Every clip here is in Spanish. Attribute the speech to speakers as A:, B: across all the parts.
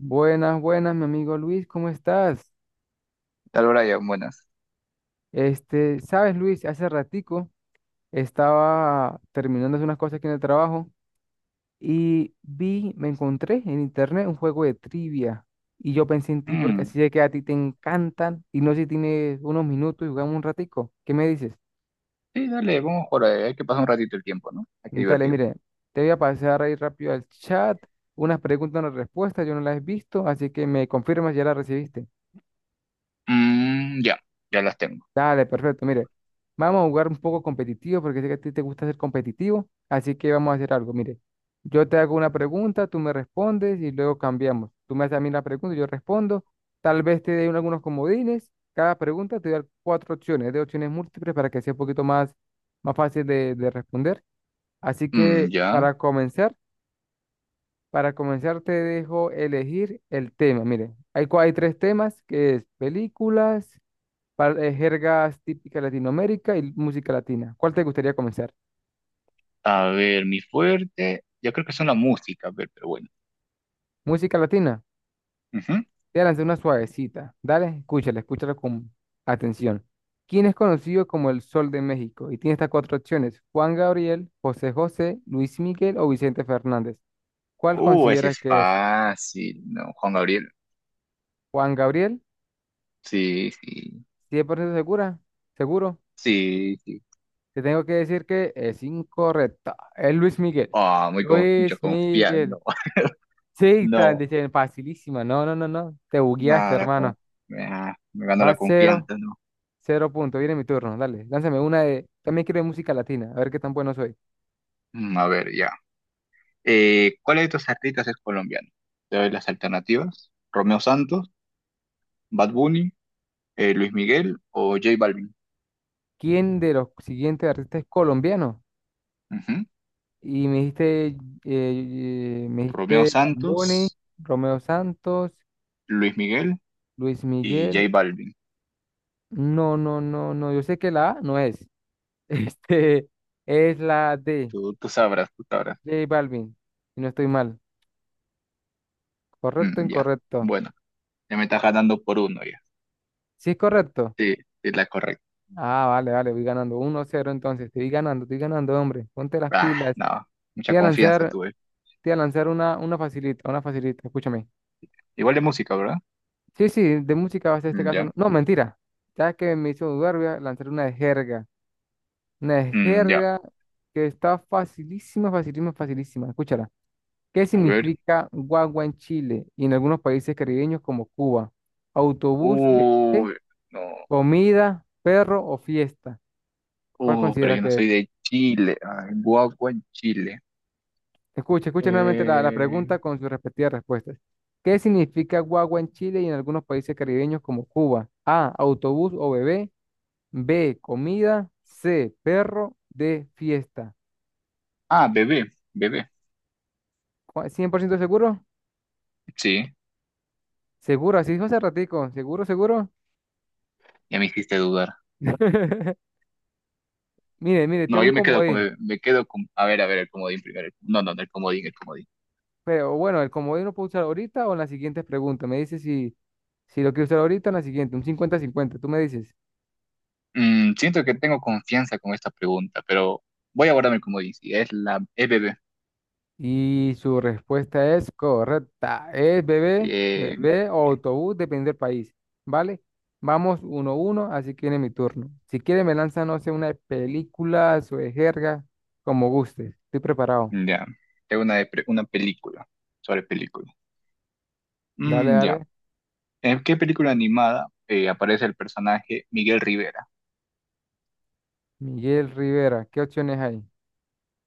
A: Buenas, buenas, mi amigo Luis, ¿cómo estás?
B: Tal Brian, buenas.
A: Este, sabes, Luis, hace ratico estaba terminando de hacer unas cosas aquí en el trabajo y me encontré en internet un juego de trivia y yo pensé en ti porque
B: Mm,
A: así sé que a ti te encantan y no sé si tienes unos minutos y jugamos un ratico. ¿Qué me dices?
B: sí, dale, vamos por ahí. Hay que pasar un ratito el tiempo, ¿no? Hay que
A: Dale,
B: divertir.
A: mire, te voy a pasar ahí rápido al chat unas preguntas, unas respuestas, yo no las he visto, así que me confirmas, ya las recibiste.
B: Mm, ya, ya las tengo.
A: Dale, perfecto. Mire, vamos a jugar un poco competitivo porque sé que a ti te gusta ser competitivo, así que vamos a hacer algo. Mire, yo te hago una pregunta, tú me respondes y luego cambiamos. Tú me haces a mí la pregunta y yo respondo. Tal vez te dé algunos comodines. Cada pregunta te da cuatro opciones, de opciones múltiples para que sea un poquito más fácil de responder. Así
B: Mm,
A: que
B: ya.
A: para comenzar te dejo elegir el tema. Mire, hay tres temas que es películas jergas típicas de Latinoamérica y música latina. ¿Cuál te gustaría comenzar?
B: A ver, mi fuerte. Yo creo que son la música, a ver, pero bueno.
A: Música latina.
B: Ujú.
A: Te voy a una suavecita. Dale, escúchala, escúchala con atención. ¿Quién es conocido como el Sol de México? Y tiene estas cuatro opciones: Juan Gabriel, José José, Luis Miguel o Vicente Fernández. ¿Cuál
B: Ese
A: consideras
B: es
A: que es?
B: fácil, ¿no? Juan Gabriel.
A: Juan Gabriel,
B: Sí, sí,
A: 100% segura, seguro.
B: sí, sí.
A: Te tengo que decir que es incorrecta. Es Luis Miguel.
B: Ah, mucho
A: Luis
B: confianza.
A: Miguel. Sí, tal,
B: No,
A: dice, facilísima. No, no, no, no. Te bugueaste,
B: nada,
A: hermano.
B: me ganó
A: Va
B: la
A: cero,
B: confianza, ¿no?
A: cero punto. Viene mi turno. Dale, lánzame una de. También quiero de música latina. A ver qué tan bueno soy.
B: Mm, a ver, ya. ¿Cuál de estos artistas es colombiano? Te doy las alternativas. Romeo Santos. Bad Bunny, Luis Miguel o J Balvin.
A: ¿Quién de los siguientes artistas es colombiano?
B: Ujú.
A: Y me dijiste,
B: Romeo
A: Bad
B: Santos,
A: Bunny, Romeo Santos,
B: Luis Miguel
A: Luis
B: y
A: Miguel.
B: J Balvin.
A: No, no, no, no. Yo sé que la A no es. Este es la D,
B: Tú sabrás, tú sabrás.
A: J Balvin. Si no estoy mal. ¿Correcto o
B: Mm, ya.
A: incorrecto?
B: Bueno, ya me estás ganando por uno ya.
A: Sí, es correcto.
B: Sí, es la correcta.
A: Ah, vale, vale, voy ganando 1 cero, entonces, estoy ganando, hombre, ponte las
B: Ah,
A: pilas.
B: no.
A: Te
B: Mucha
A: voy a
B: confianza
A: lanzar,
B: tuve.
A: te voy a lanzar una facilita, una facilita, escúchame.
B: Igual de música, ¿verdad?
A: Sí, sí, de música va a ser este
B: Mm,
A: caso.
B: ya.
A: No, no, mentira, ya que me hizo dudar, voy a lanzar una de
B: Mm, ya.
A: jerga que está facilísima, facilísima, facilísima, escúchala. ¿Qué
B: A ver.
A: significa guagua en Chile y en algunos países caribeños como Cuba? Autobús, bebé,
B: Uy, no.
A: comida, perro o fiesta. ¿Cuál
B: Pero
A: considera
B: yo no
A: que es?
B: soy de Chile. Ay, guagua en Chile.
A: Escuche, escuche nuevamente la
B: Eh...
A: pregunta con sus respectivas respuestas. ¿Qué significa guagua en Chile y en algunos países caribeños como Cuba? A, autobús o bebé. B, comida. C, perro. D, fiesta.
B: Ah, bebé. Bebé.
A: ¿cien por ciento seguro?
B: Sí.
A: Seguro, así dijo hace ratico. ¿Seguro, seguro?
B: Ya me hiciste dudar.
A: Mire, mire, tengo
B: No,
A: un
B: yo me quedo con,
A: comodín.
B: me quedo con, a ver, el comodín primero. No, no, no, el comodín, el comodín.
A: Pero bueno, el comodín lo puedo usar ahorita o en las siguientes preguntas. Me dice si si lo quiero usar ahorita o en la siguiente, un 50-50. Tú me dices.
B: Siento que tengo confianza con esta pregunta, pero voy a guardarme el comodín. Sí, es bebé.
A: Y su respuesta es correcta. Es bebé,
B: Eh,
A: bebé o
B: Bien,
A: autobús, depende del país. ¿Vale? Vamos uno a uno, así que viene mi turno. Si quiere, me lanza, no sé, una película o de jerga, como guste. Estoy preparado.
B: ya. Tengo una, una película sobre película.
A: Dale,
B: Mm, ya.
A: dale.
B: ¿En qué película animada aparece el personaje Miguel Rivera?
A: Miguel Rivera, ¿qué opciones hay?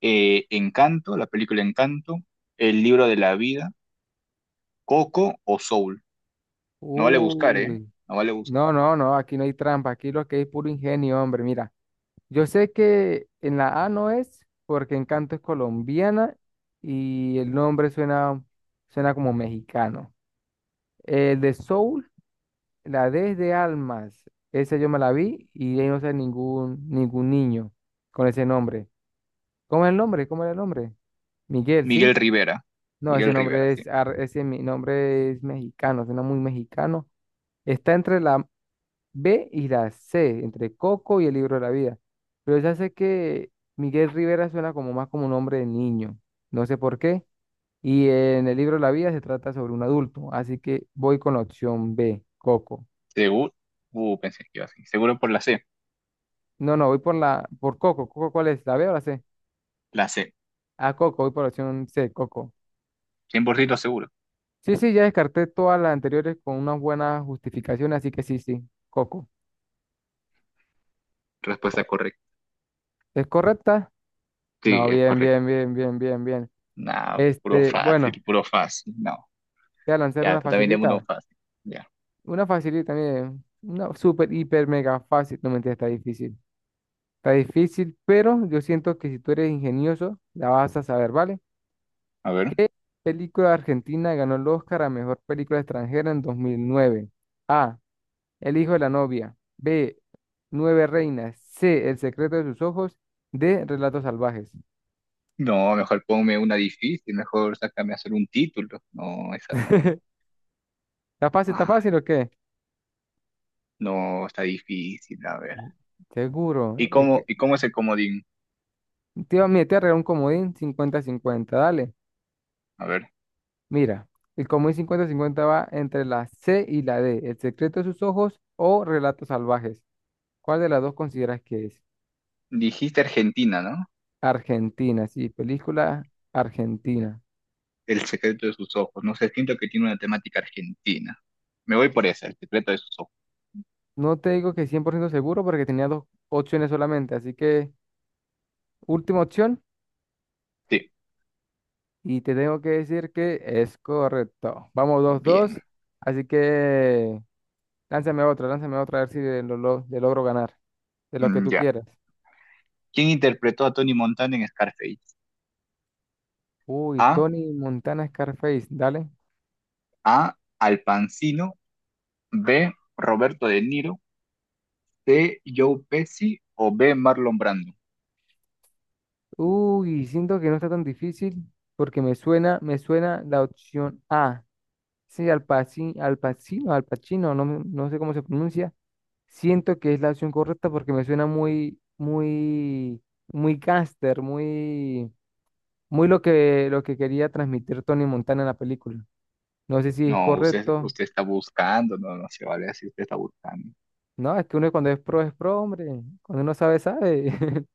B: Encanto, la película Encanto, El libro de la vida, Coco o Soul. No vale buscar, ¿eh?
A: Uy.
B: No vale buscar.
A: No, no, no, aquí no hay trampa. Aquí lo que hay es puro ingenio, hombre. Mira. Yo sé que en la A no es, porque Encanto es colombiana y el nombre suena, suena como mexicano. El de Soul, la D es de Almas. Esa yo me la vi y ahí no sé ningún niño con ese nombre. ¿Cómo es el nombre? ¿Cómo era el nombre? Miguel,
B: Miguel
A: ¿sí?
B: Rivera.
A: No, ese
B: Miguel Rivera,
A: nombre
B: sí.
A: ese mi nombre es mexicano, suena muy mexicano. Está entre la B y la C, entre Coco y el libro de la vida. Pero ya sé que Miguel Rivera suena como más como un hombre de niño, no sé por qué. Y en el libro de la vida se trata sobre un adulto, así que voy con la opción B, Coco.
B: Seguro. Pensé que iba así. Seguro por la C.
A: No, no, voy por Coco. ¿Coco cuál es? ¿La B o la C?
B: La C.
A: Ah, Coco, voy por la opción C, Coco.
B: 100% seguro.
A: Sí, sí, ya descarté todas las anteriores con una buena justificación, así que sí, sí, Coco.
B: Respuesta correcta.
A: ¿Es correcta?
B: Sí,
A: No,
B: es
A: bien,
B: correcto.
A: bien, bien, bien, bien, bien.
B: No, puro
A: Este, bueno,
B: fácil, puro fácil. No.
A: voy a lanzar
B: Ya,
A: una
B: tú también tengo uno
A: facilita.
B: fácil. Ya.
A: Una facilita también, una super, hiper, mega fácil. No mentira, está difícil. Está difícil, pero yo siento que si tú eres ingenioso, la vas a saber, ¿vale?
B: A ver.
A: ¿Qué película argentina ganó el Oscar a mejor película extranjera en 2009? A. El hijo de la novia. B. Nueve reinas. C. El secreto de sus ojos. D. Relatos salvajes.
B: No, mejor ponme una difícil. Mejor sácame a hacer un título. No, esa no.
A: Está
B: Ay,
A: fácil o qué?
B: no, está difícil. A ver. ¿Y
A: Seguro. Es
B: cómo,
A: que...
B: y cómo es el comodín?
A: Mira, te voy a regalar un comodín 50-50. Dale.
B: A ver.
A: Mira, el común cincuenta 50 va entre la C y la D, El secreto de sus ojos o Relatos salvajes. ¿Cuál de las dos consideras que es?
B: Dijiste Argentina, ¿no?
A: Argentina, sí, película argentina.
B: El secreto de sus ojos. No sé, siento que tiene una temática argentina. Me voy por esa, el secreto de sus ojos.
A: No te digo que 100% seguro porque tenía dos opciones solamente, así que última opción
B: Sí.
A: y te tengo que decir que es correcto. Vamos dos-dos,
B: Bien.
A: así que lánzame otra a ver si le logro ganar, de lo que
B: Mm,
A: tú
B: ya.
A: quieras.
B: ¿Quién interpretó a Tony Montana en Scarface?
A: Uy,
B: A.
A: Tony Montana Scarface, dale.
B: A. Al Pacino. B. Roberto De Niro. C. Joe Pesci. O B. Marlon Brando.
A: Uy, siento que no está tan difícil porque me suena la opción A. Sí, Al Pacino, Al Pacino, Al Pacino, no, no sé cómo se pronuncia. Siento que es la opción correcta porque me suena muy, muy, muy gángster, muy, muy lo que quería transmitir Tony Montana en la película. No sé si es
B: No, usted,
A: correcto.
B: usted está buscando. No, no se vale así. Usted está buscando.
A: No, es que uno cuando es pro, hombre. Cuando uno sabe, sabe.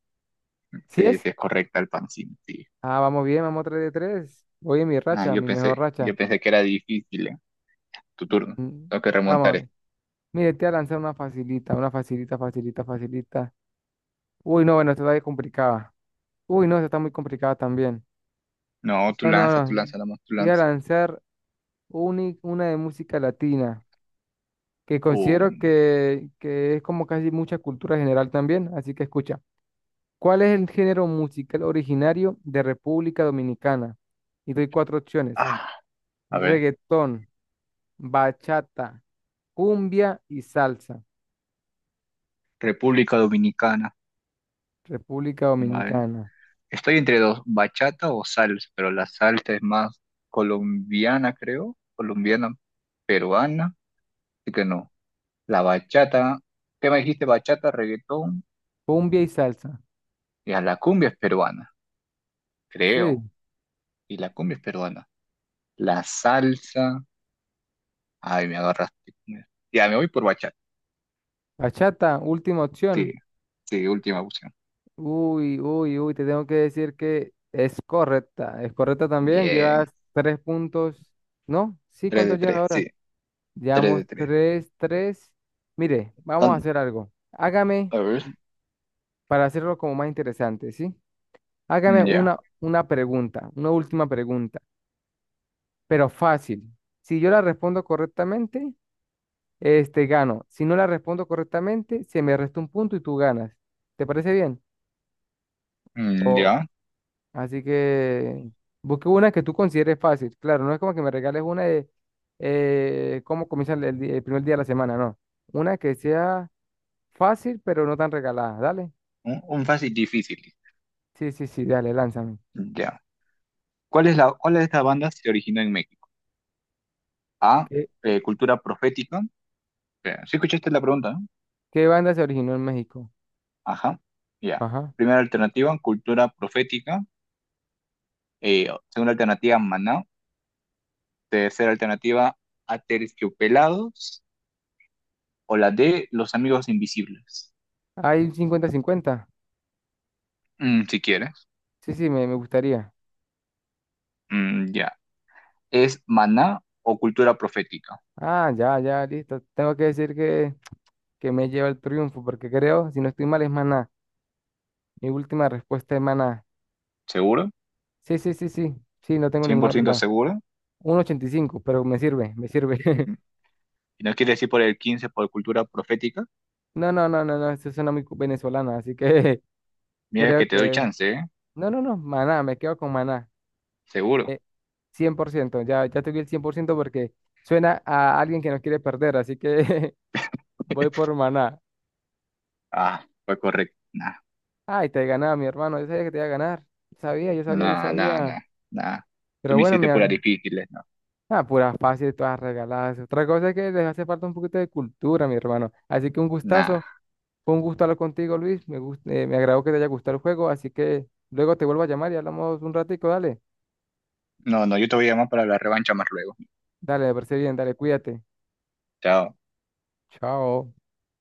A: ¿Sí
B: Sí,
A: es?
B: sí, es correcta Al Pacino. Sí.
A: Ah, vamos bien, vamos 3 de tres. Voy en mi
B: Ah,
A: racha,
B: yo
A: mi mejor
B: pensé,
A: racha.
B: yo pensé que era difícil. Tu turno.
A: Mm,
B: Tengo que remontar
A: Vamos.
B: esto.
A: Mire, te voy a lanzar una facilita, facilita, facilita. Uy, no, bueno, esta está bien complicada. Uy, no, esta está muy complicada también.
B: No,
A: No, no,
B: tú
A: no.
B: lanza, nada más, tú
A: Te voy a
B: lanza.
A: lanzar una de música latina, que
B: Oh,
A: considero que es como casi mucha cultura general también, así que escucha. ¿Cuál es el género musical originario de República Dominicana? Y doy cuatro opciones.
B: ah, a ver.
A: Reggaetón, bachata, cumbia y salsa.
B: República Dominicana.
A: República
B: Vale.
A: Dominicana.
B: Estoy entre dos, bachata o salsa, pero la salsa es más colombiana, creo, colombiana, peruana, así que no. La bachata, ¿qué me dijiste? Bachata, reggaetón,
A: Cumbia y salsa.
B: y a la cumbia es peruana, creo,
A: Sí.
B: y la cumbia es peruana. La salsa, ay, me agarraste con eso. Ya, me voy por bachata,
A: Bachata, última
B: sí,
A: opción.
B: sí, última opción.
A: Uy, uy, uy, te tengo que decir que es correcta. Es correcta también. Llevas
B: Bien,
A: tres puntos. ¿No? Sí,
B: 3
A: ¿cuánto
B: de
A: lleva
B: 3, sí,
A: ahora?
B: 3
A: Llevamos
B: de tres.
A: tres, tres. Mire,
B: A
A: vamos a hacer algo. Hágame,
B: ver,
A: para hacerlo como más interesante, ¿sí? Hágame
B: mm, ya,
A: una pregunta, una última pregunta, pero fácil. Si yo la respondo correctamente, este gano. Si no la respondo correctamente, se me resta un punto y tú ganas. ¿Te parece bien?
B: mm, ya,
A: Así que busque una que tú consideres fácil. Claro, no es como que me regales una de cómo comienza el primer día de la semana, no. Una que sea fácil, pero no tan regalada. Dale.
B: un fácil difícil,
A: Sí, sí, sí, dale, lánzame.
B: ya. ¿Cuál es cuál de estas bandas se originó en México? A,
A: ¿Qué,
B: cultura profética. Espera, ¿sí escuchaste la pregunta, no?
A: qué banda se originó en México?
B: Ajá, ya.
A: Ajá.
B: Primera alternativa, cultura profética. Segunda alternativa, Maná. Tercera alternativa, Aterciopelados. O la D, Los Amigos Invisibles.
A: ¿Hay un cincuenta 50?
B: Mm, si quieres.
A: Sí, sí, me gustaría.
B: Mm, ya. ¿Es Maná o cultura profética?
A: Ah, ya, ya, listo. Tengo que decir que me lleva el triunfo, porque creo, si no estoy mal, es Maná. Mi última respuesta es Maná.
B: ¿Seguro?
A: Sí, sí, sí, sí. Sí, no tengo ninguna
B: ¿100%
A: duda.
B: seguro?
A: Un 85, pero me sirve, me sirve.
B: Mm. ¿Y no quieres decir por el 15 por cultura profética?
A: No, no, no, no, no, eso suena muy venezolana, así que
B: Mira
A: creo
B: que te doy
A: que.
B: chance, ¿eh?
A: No, no, no, maná, me quedo con maná.
B: Seguro.
A: Eh, 100% ya, ya te di el 100% porque suena a alguien que no quiere perder, así que voy por maná.
B: Ah, fue correcto. Nah.
A: Ay, te ganaba mi hermano, yo sabía que te iba a ganar. Sabía, yo sabía, yo
B: Nada, nada,
A: sabía.
B: nada, nada. Tú
A: Pero
B: me
A: bueno,
B: hiciste puras difíciles, ¿no?
A: Ah, puras fáciles, todas regaladas. Otra cosa es que les hace falta un poquito de cultura, mi hermano. Así que un gustazo.
B: Nada.
A: Fue un gusto hablar contigo, Luis. Me agradó que te haya gustado el juego, así que luego te vuelvo a llamar y hablamos un ratico, dale.
B: No, no, yo te voy a llamar para la revancha más luego.
A: Dale, me parece bien, dale, cuídate.
B: Chao.
A: Chao.